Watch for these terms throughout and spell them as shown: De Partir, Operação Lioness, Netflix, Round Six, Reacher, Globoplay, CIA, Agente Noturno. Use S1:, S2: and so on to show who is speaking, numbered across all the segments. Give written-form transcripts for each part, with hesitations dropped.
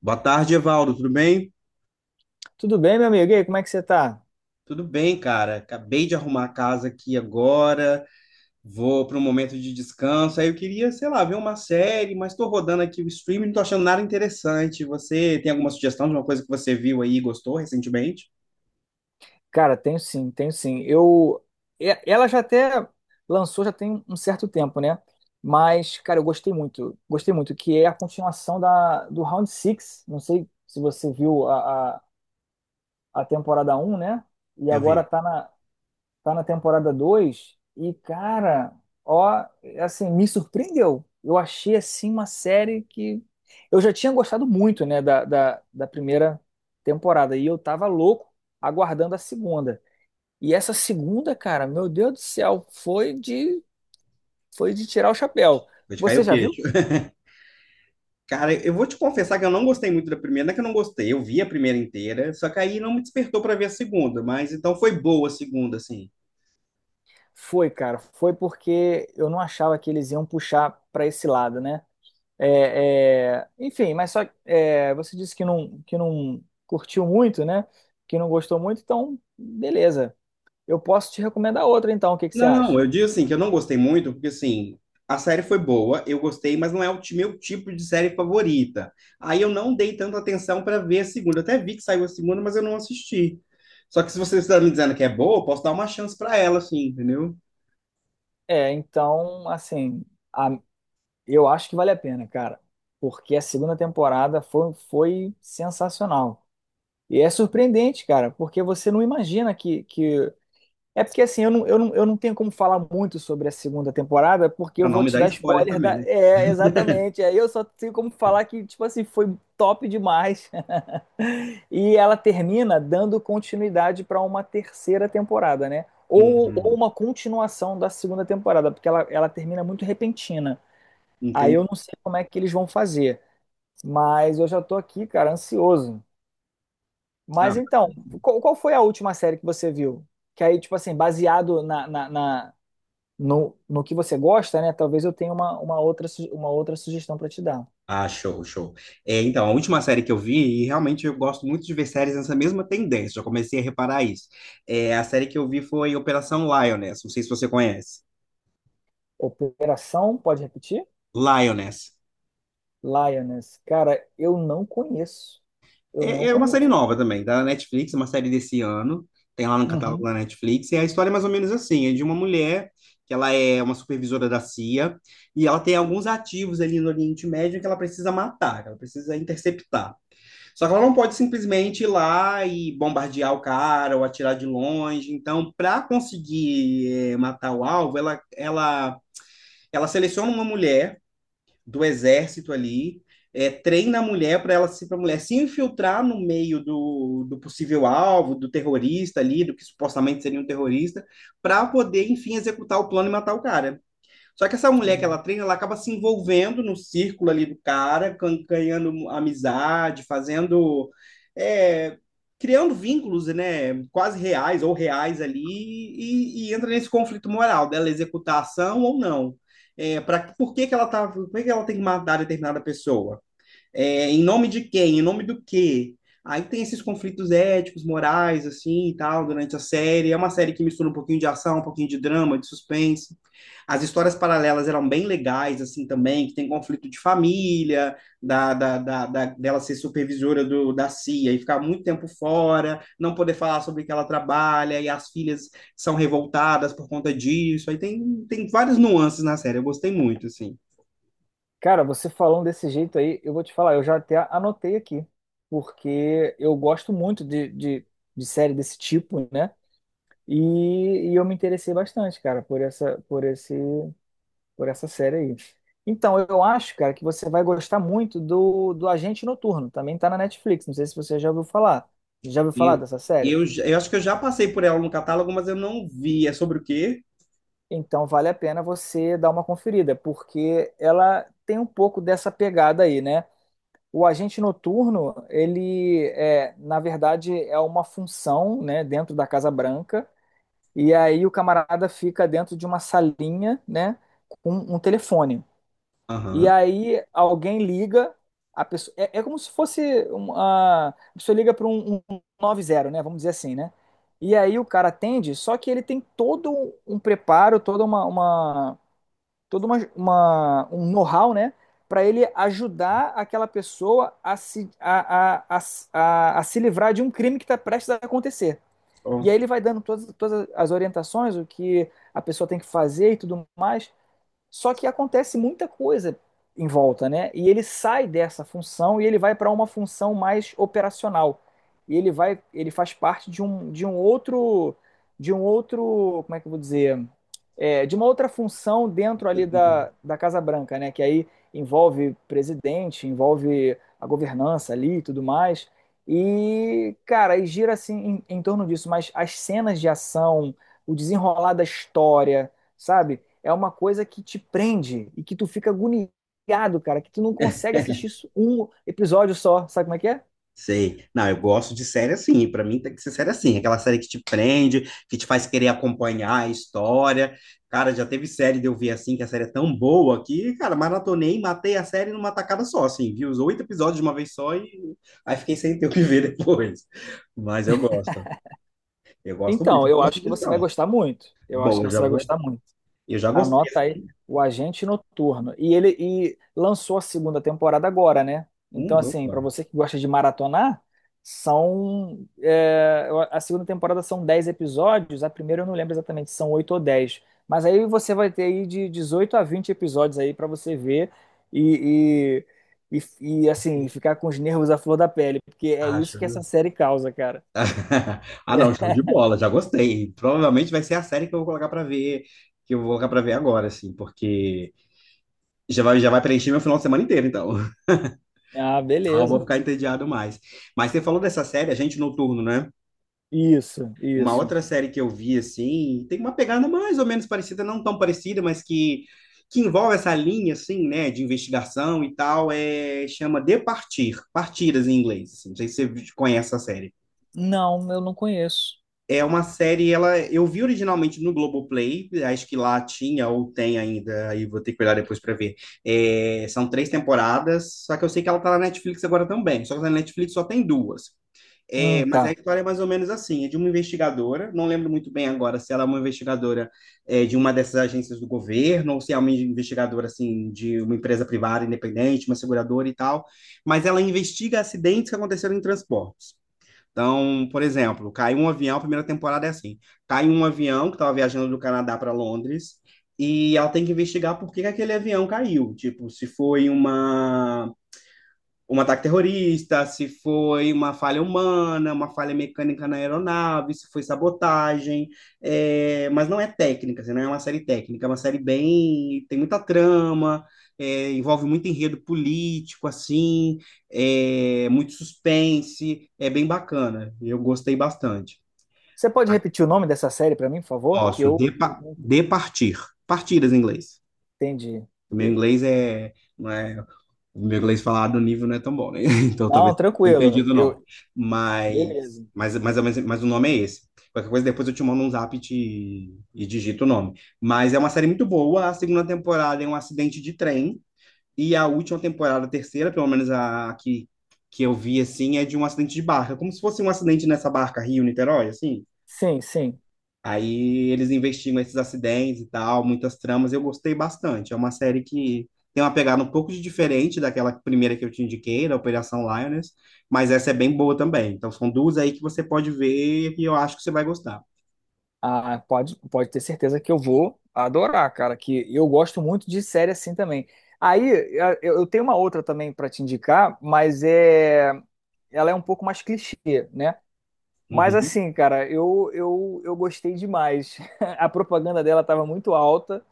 S1: Boa tarde, Evaldo. Tudo bem?
S2: Tudo bem, meu amigo? E aí, como é que você tá?
S1: Tudo bem, cara. Acabei de arrumar a casa aqui agora. Vou para um momento de descanso. Aí eu queria, sei lá, ver uma série, mas estou rodando aqui o streaming, não estou achando nada interessante. Você tem alguma sugestão de uma coisa que você viu aí e gostou recentemente?
S2: Cara, tenho sim, tenho sim. Ela já até lançou, já tem um certo tempo, né? Mas, cara, eu gostei muito, que é a continuação do Round Six. Não sei se você viu a temporada um, né? E
S1: Eu
S2: agora
S1: vi.
S2: tá na temporada 2 e, cara, ó, assim, me surpreendeu. Eu achei, assim, uma série que eu já tinha gostado muito, né, da primeira temporada, e eu tava louco aguardando a segunda. E essa segunda, cara, meu Deus do céu, foi de tirar o chapéu.
S1: Vou te cair
S2: Você
S1: o
S2: já viu?
S1: queixo. Cara, eu vou te confessar que eu não gostei muito da primeira. Não é que eu não gostei, eu vi a primeira inteira, só que aí não me despertou para ver a segunda. Mas então foi boa a segunda, assim.
S2: Foi, cara, foi porque eu não achava que eles iam puxar pra esse lado, né? Enfim, mas só é, você disse que não curtiu muito, né? Que não gostou muito, então beleza. Eu posso te recomendar outra, então. O que que você
S1: Não,
S2: acha?
S1: eu digo assim, que eu não gostei muito, porque assim, a série foi boa, eu gostei, mas não é o meu tipo de série favorita. Aí eu não dei tanta atenção para ver a segunda. Eu até vi que saiu a segunda, mas eu não assisti. Só que se você está me dizendo que é boa, eu posso dar uma chance para ela, assim, entendeu?
S2: É, então, assim, a- eu acho que vale a pena, cara, porque a segunda temporada foi sensacional. E é surpreendente, cara, porque você não imagina que é porque assim, eu não tenho como falar muito sobre a segunda temporada, porque eu
S1: Para não
S2: vou
S1: me
S2: te
S1: dar
S2: dar
S1: spoiler
S2: spoiler da.
S1: também, né?
S2: É, exatamente. Aí eu só tenho como falar que, tipo assim, foi top demais. E ela termina dando continuidade para uma terceira temporada, né? Ou
S1: Uhum.
S2: uma continuação da segunda temporada, porque ela termina muito repentina. Aí eu
S1: Entendi.
S2: não sei como é que eles vão fazer. Mas eu já tô aqui, cara, ansioso.
S1: Ah,
S2: Mas então, qual foi a última série que você viu? Que aí, tipo assim, baseado no que você gosta, né? Talvez eu tenha uma outra, uma outra sugestão para te dar.
S1: ah, show, show. É, então, a última série que eu vi, e realmente eu gosto muito de ver séries nessa mesma tendência, já comecei a reparar isso. É, a série que eu vi foi Operação Lioness, não sei se você conhece.
S2: Operação, pode repetir?
S1: Lioness.
S2: Lioness. Cara, eu não conheço. Eu
S1: É,
S2: não
S1: é uma série
S2: conheço.
S1: nova também, da Netflix, uma série desse ano. Tem lá no catálogo
S2: Uhum.
S1: da Netflix. E a história é mais ou menos assim: é de uma mulher que ela é uma supervisora da CIA e ela tem alguns ativos ali no Oriente Médio que ela precisa matar, que ela precisa interceptar. Só que ela não pode simplesmente ir lá e bombardear o cara ou atirar de longe. Então, para conseguir matar o alvo, ela seleciona uma mulher do exército ali, é, treina a mulher para ela se para a mulher se infiltrar no meio do possível alvo, do terrorista ali, do que supostamente seria um terrorista, para poder, enfim, executar o plano e matar o cara. Só que essa mulher que
S2: Uhum.
S1: ela treina, ela acaba se envolvendo no círculo ali do cara, ganhando amizade, fazendo. É, criando vínculos, né, quase reais ou reais ali, e, entra nesse conflito moral dela executar a ação ou não. É, pra, por que que ela tá, por que que ela tem que matar determinada pessoa? É, em nome de quem? Em nome do quê? Aí tem esses conflitos éticos, morais, assim e tal, durante a série. É uma série que mistura um pouquinho de ação, um pouquinho de drama, de suspense. As histórias paralelas eram bem legais, assim, também, que tem conflito de família, dela ser supervisora da CIA e ficar muito tempo fora, não poder falar sobre o que ela trabalha, e as filhas são revoltadas por conta disso. Aí tem, tem várias nuances na série, eu gostei muito, assim.
S2: Cara, você falando desse jeito aí, eu vou te falar, eu já até anotei aqui, porque eu gosto muito de série desse tipo, né? E, e eu me interessei bastante, cara, por essa, por esse. Por essa série aí. Então, eu acho, cara, que você vai gostar muito do Agente Noturno. Também tá na Netflix. Não sei se você já ouviu falar. Já ouviu falar
S1: Eu,
S2: dessa série?
S1: eu acho que eu já passei por ela no catálogo, mas eu não vi. É sobre o quê?
S2: Então, vale a pena você dar uma conferida, porque ela tem um pouco dessa pegada aí, né? O Agente Noturno, ele é, na verdade, é uma função, né, dentro da Casa Branca. E aí o camarada fica dentro de uma salinha, né, com um telefone. E
S1: Aham.
S2: aí alguém liga, a pessoa, é, é como se fosse uma, a pessoa liga para um 90, né? Vamos dizer assim, né? E aí o cara atende, só que ele tem todo um preparo, toda um know-how, né? Para ele ajudar aquela pessoa a se livrar de um crime que está prestes a acontecer. E aí
S1: Ó.
S2: ele vai dando todas as orientações, o que a pessoa tem que fazer e tudo mais. Só que acontece muita coisa em volta, né? E ele sai dessa função e ele vai para uma função mais operacional. E ele vai, ele faz parte de um outro, como é que eu vou dizer, é, de uma outra função dentro ali da Casa Branca, né? Que aí envolve presidente, envolve a governança ali e tudo mais. E, cara, e gira assim em torno disso, mas as cenas de ação, o desenrolar da história, sabe? É uma coisa que te prende e que tu fica agoniado, cara, que tu não consegue assistir isso um episódio só, sabe como é que é?
S1: Sei. Não, eu gosto de série assim. Pra mim tem que ser série assim. Aquela série que te prende, que te faz querer acompanhar a história. Cara, já teve série de eu ver assim, que a série é tão boa que, cara, maratonei, matei a série numa tacada só, assim. Vi os oito episódios de uma vez só e aí fiquei sem ter o que ver depois. Mas eu gosto. Eu gosto muito.
S2: Então, eu
S1: Boa
S2: acho que você vai
S1: sugestão.
S2: gostar muito. Eu acho
S1: Bom,
S2: que
S1: eu já
S2: você vai
S1: vou.
S2: gostar muito.
S1: Eu já gostei.
S2: Anota aí, o Agente Noturno. E ele e lançou a segunda temporada agora, né? Então, assim,
S1: Opa.
S2: para você que gosta de maratonar, são. É, a segunda temporada são 10 episódios, a primeira eu não lembro exatamente se são 8 ou 10, mas aí você vai ter aí de 18 a 20 episódios aí para você ver e, assim, ficar com os nervos à flor da pele, porque é isso
S1: Acho,
S2: que essa
S1: viu?
S2: série causa, cara.
S1: Ah, não, show de bola, já gostei. Provavelmente vai ser a série que eu vou colocar pra ver, que eu vou colocar pra ver agora, assim, porque já vai preencher meu final de semana inteiro, então.
S2: Ah,
S1: Não, eu vou
S2: beleza.
S1: ficar entediado mais. Mas você falou dessa série, Agente Noturno, né?
S2: Isso,
S1: Uma
S2: isso.
S1: outra série que eu vi, assim, tem uma pegada mais ou menos parecida, não tão parecida, mas que envolve essa linha, assim, né, de investigação e tal, é, chama De Partir, Partidas em inglês, assim. Não sei se você conhece essa série.
S2: Não, eu não conheço.
S1: É uma série, ela eu vi originalmente no Globoplay, acho que lá tinha ou tem ainda, aí vou ter que olhar depois para ver. É, são três temporadas, só que eu sei que ela tá na Netflix agora também, só que na Netflix só tem duas. É, mas a
S2: Tá.
S1: história é mais ou menos assim, é de uma investigadora, não lembro muito bem agora se ela é uma investigadora é, de uma dessas agências do governo ou se é uma investigadora assim de uma empresa privada independente, uma seguradora e tal, mas ela investiga acidentes que aconteceram em transportes. Então, por exemplo, caiu um avião, a primeira temporada é assim: cai um avião que estava viajando do Canadá para Londres e ela tem que investigar por que que aquele avião caiu. Tipo, se foi uma um ataque terrorista, se foi uma falha humana, uma falha mecânica na aeronave, se foi sabotagem, é, mas não é técnica, assim, não é uma série técnica, é uma série bem, tem muita trama, é, envolve muito enredo político, assim, é, muito suspense, é bem bacana, eu gostei bastante.
S2: Você pode repetir o nome dessa série para mim, por favor? Que
S1: Posso,
S2: eu
S1: de,
S2: não
S1: de partir, partidas em inglês.
S2: entendi.
S1: O meu inglês é, não é O meu inglês falado no nível não é tão bom, né? Então talvez
S2: Não,
S1: não tenha
S2: tranquilo.
S1: entendido, não.
S2: Eu,
S1: Mas,
S2: beleza.
S1: mas o nome é esse. Qualquer coisa, depois eu te mando um zap e, e digito o nome. Mas é uma série muito boa. A segunda temporada é um acidente de trem. E a última temporada, a terceira, pelo menos a que eu vi, assim, é de um acidente de barca. Como se fosse um acidente nessa barca Rio-Niterói, assim.
S2: Sim, sim.
S1: Aí eles investigam esses acidentes e tal, muitas tramas. Eu gostei bastante. É uma série que tem uma pegada um pouco de diferente daquela primeira que eu te indiquei, da Operação Lioness, mas essa é bem boa também. Então são duas aí que você pode ver e eu acho que você vai gostar.
S2: Ah, pode, pode ter certeza que eu vou adorar, cara. Que eu gosto muito de série assim também. Aí eu tenho uma outra também para te indicar, mas é, ela é um pouco mais clichê, né? Mas
S1: Uhum.
S2: assim, cara, eu gostei demais. A propaganda dela estava muito alta.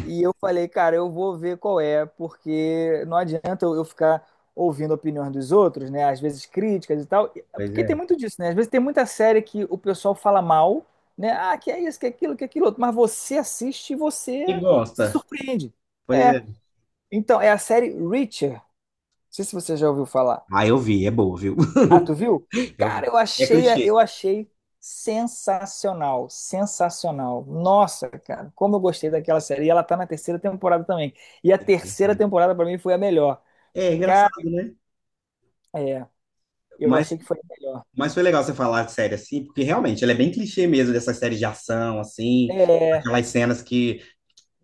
S2: E eu falei, cara, eu vou ver qual é, porque não adianta eu ficar ouvindo a opinião dos outros, né? Às vezes críticas e tal.
S1: Pois
S2: Porque tem
S1: é.
S2: muito disso, né? Às vezes tem muita série que o pessoal fala mal, né? Ah, que é isso, que é aquilo outro. Mas você assiste e
S1: E
S2: você se
S1: gosta.
S2: surpreende.
S1: Pois
S2: É.
S1: é.
S2: Então, é a série Reacher. Não sei se você já ouviu falar.
S1: Ah, eu vi, é boa, viu?
S2: Ah, tu viu?
S1: Eu
S2: Cara,
S1: vi. É clichê.
S2: eu achei sensacional, sensacional. Nossa, cara, como eu gostei daquela série. E ela tá na terceira temporada também. E a
S1: Eu
S2: terceira
S1: sei.
S2: temporada pra mim foi a melhor.
S1: É
S2: Cara,
S1: engraçado, né?
S2: é, eu
S1: Mas,
S2: achei que foi a melhor.
S1: mas foi legal você falar de série assim, porque realmente ela é bem clichê mesmo, dessa série de ação, assim,
S2: É,
S1: aquelas cenas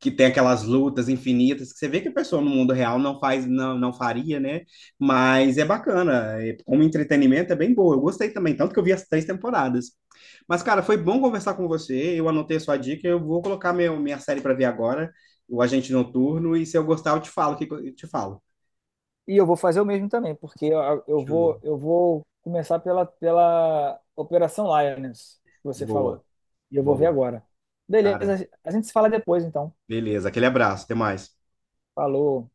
S1: que tem aquelas lutas infinitas que você vê que a pessoa no mundo real não faz, não faria, né? Mas é bacana, é- como entretenimento é bem boa. Eu gostei também, tanto que eu vi as três temporadas. Mas, cara, foi bom conversar com você. Eu anotei a sua dica, eu vou colocar meu, minha série para ver agora, o Agente Noturno, e se eu gostar, eu te falo, o que que eu te falo.
S2: e eu vou fazer o mesmo também, porque eu,
S1: Show.
S2: eu vou começar pela Operação Lioness, que você falou.
S1: Boa,
S2: E eu vou ver
S1: boa.
S2: agora.
S1: Cara,
S2: Beleza, a gente se fala depois, então.
S1: beleza, aquele abraço, até mais.
S2: Falou.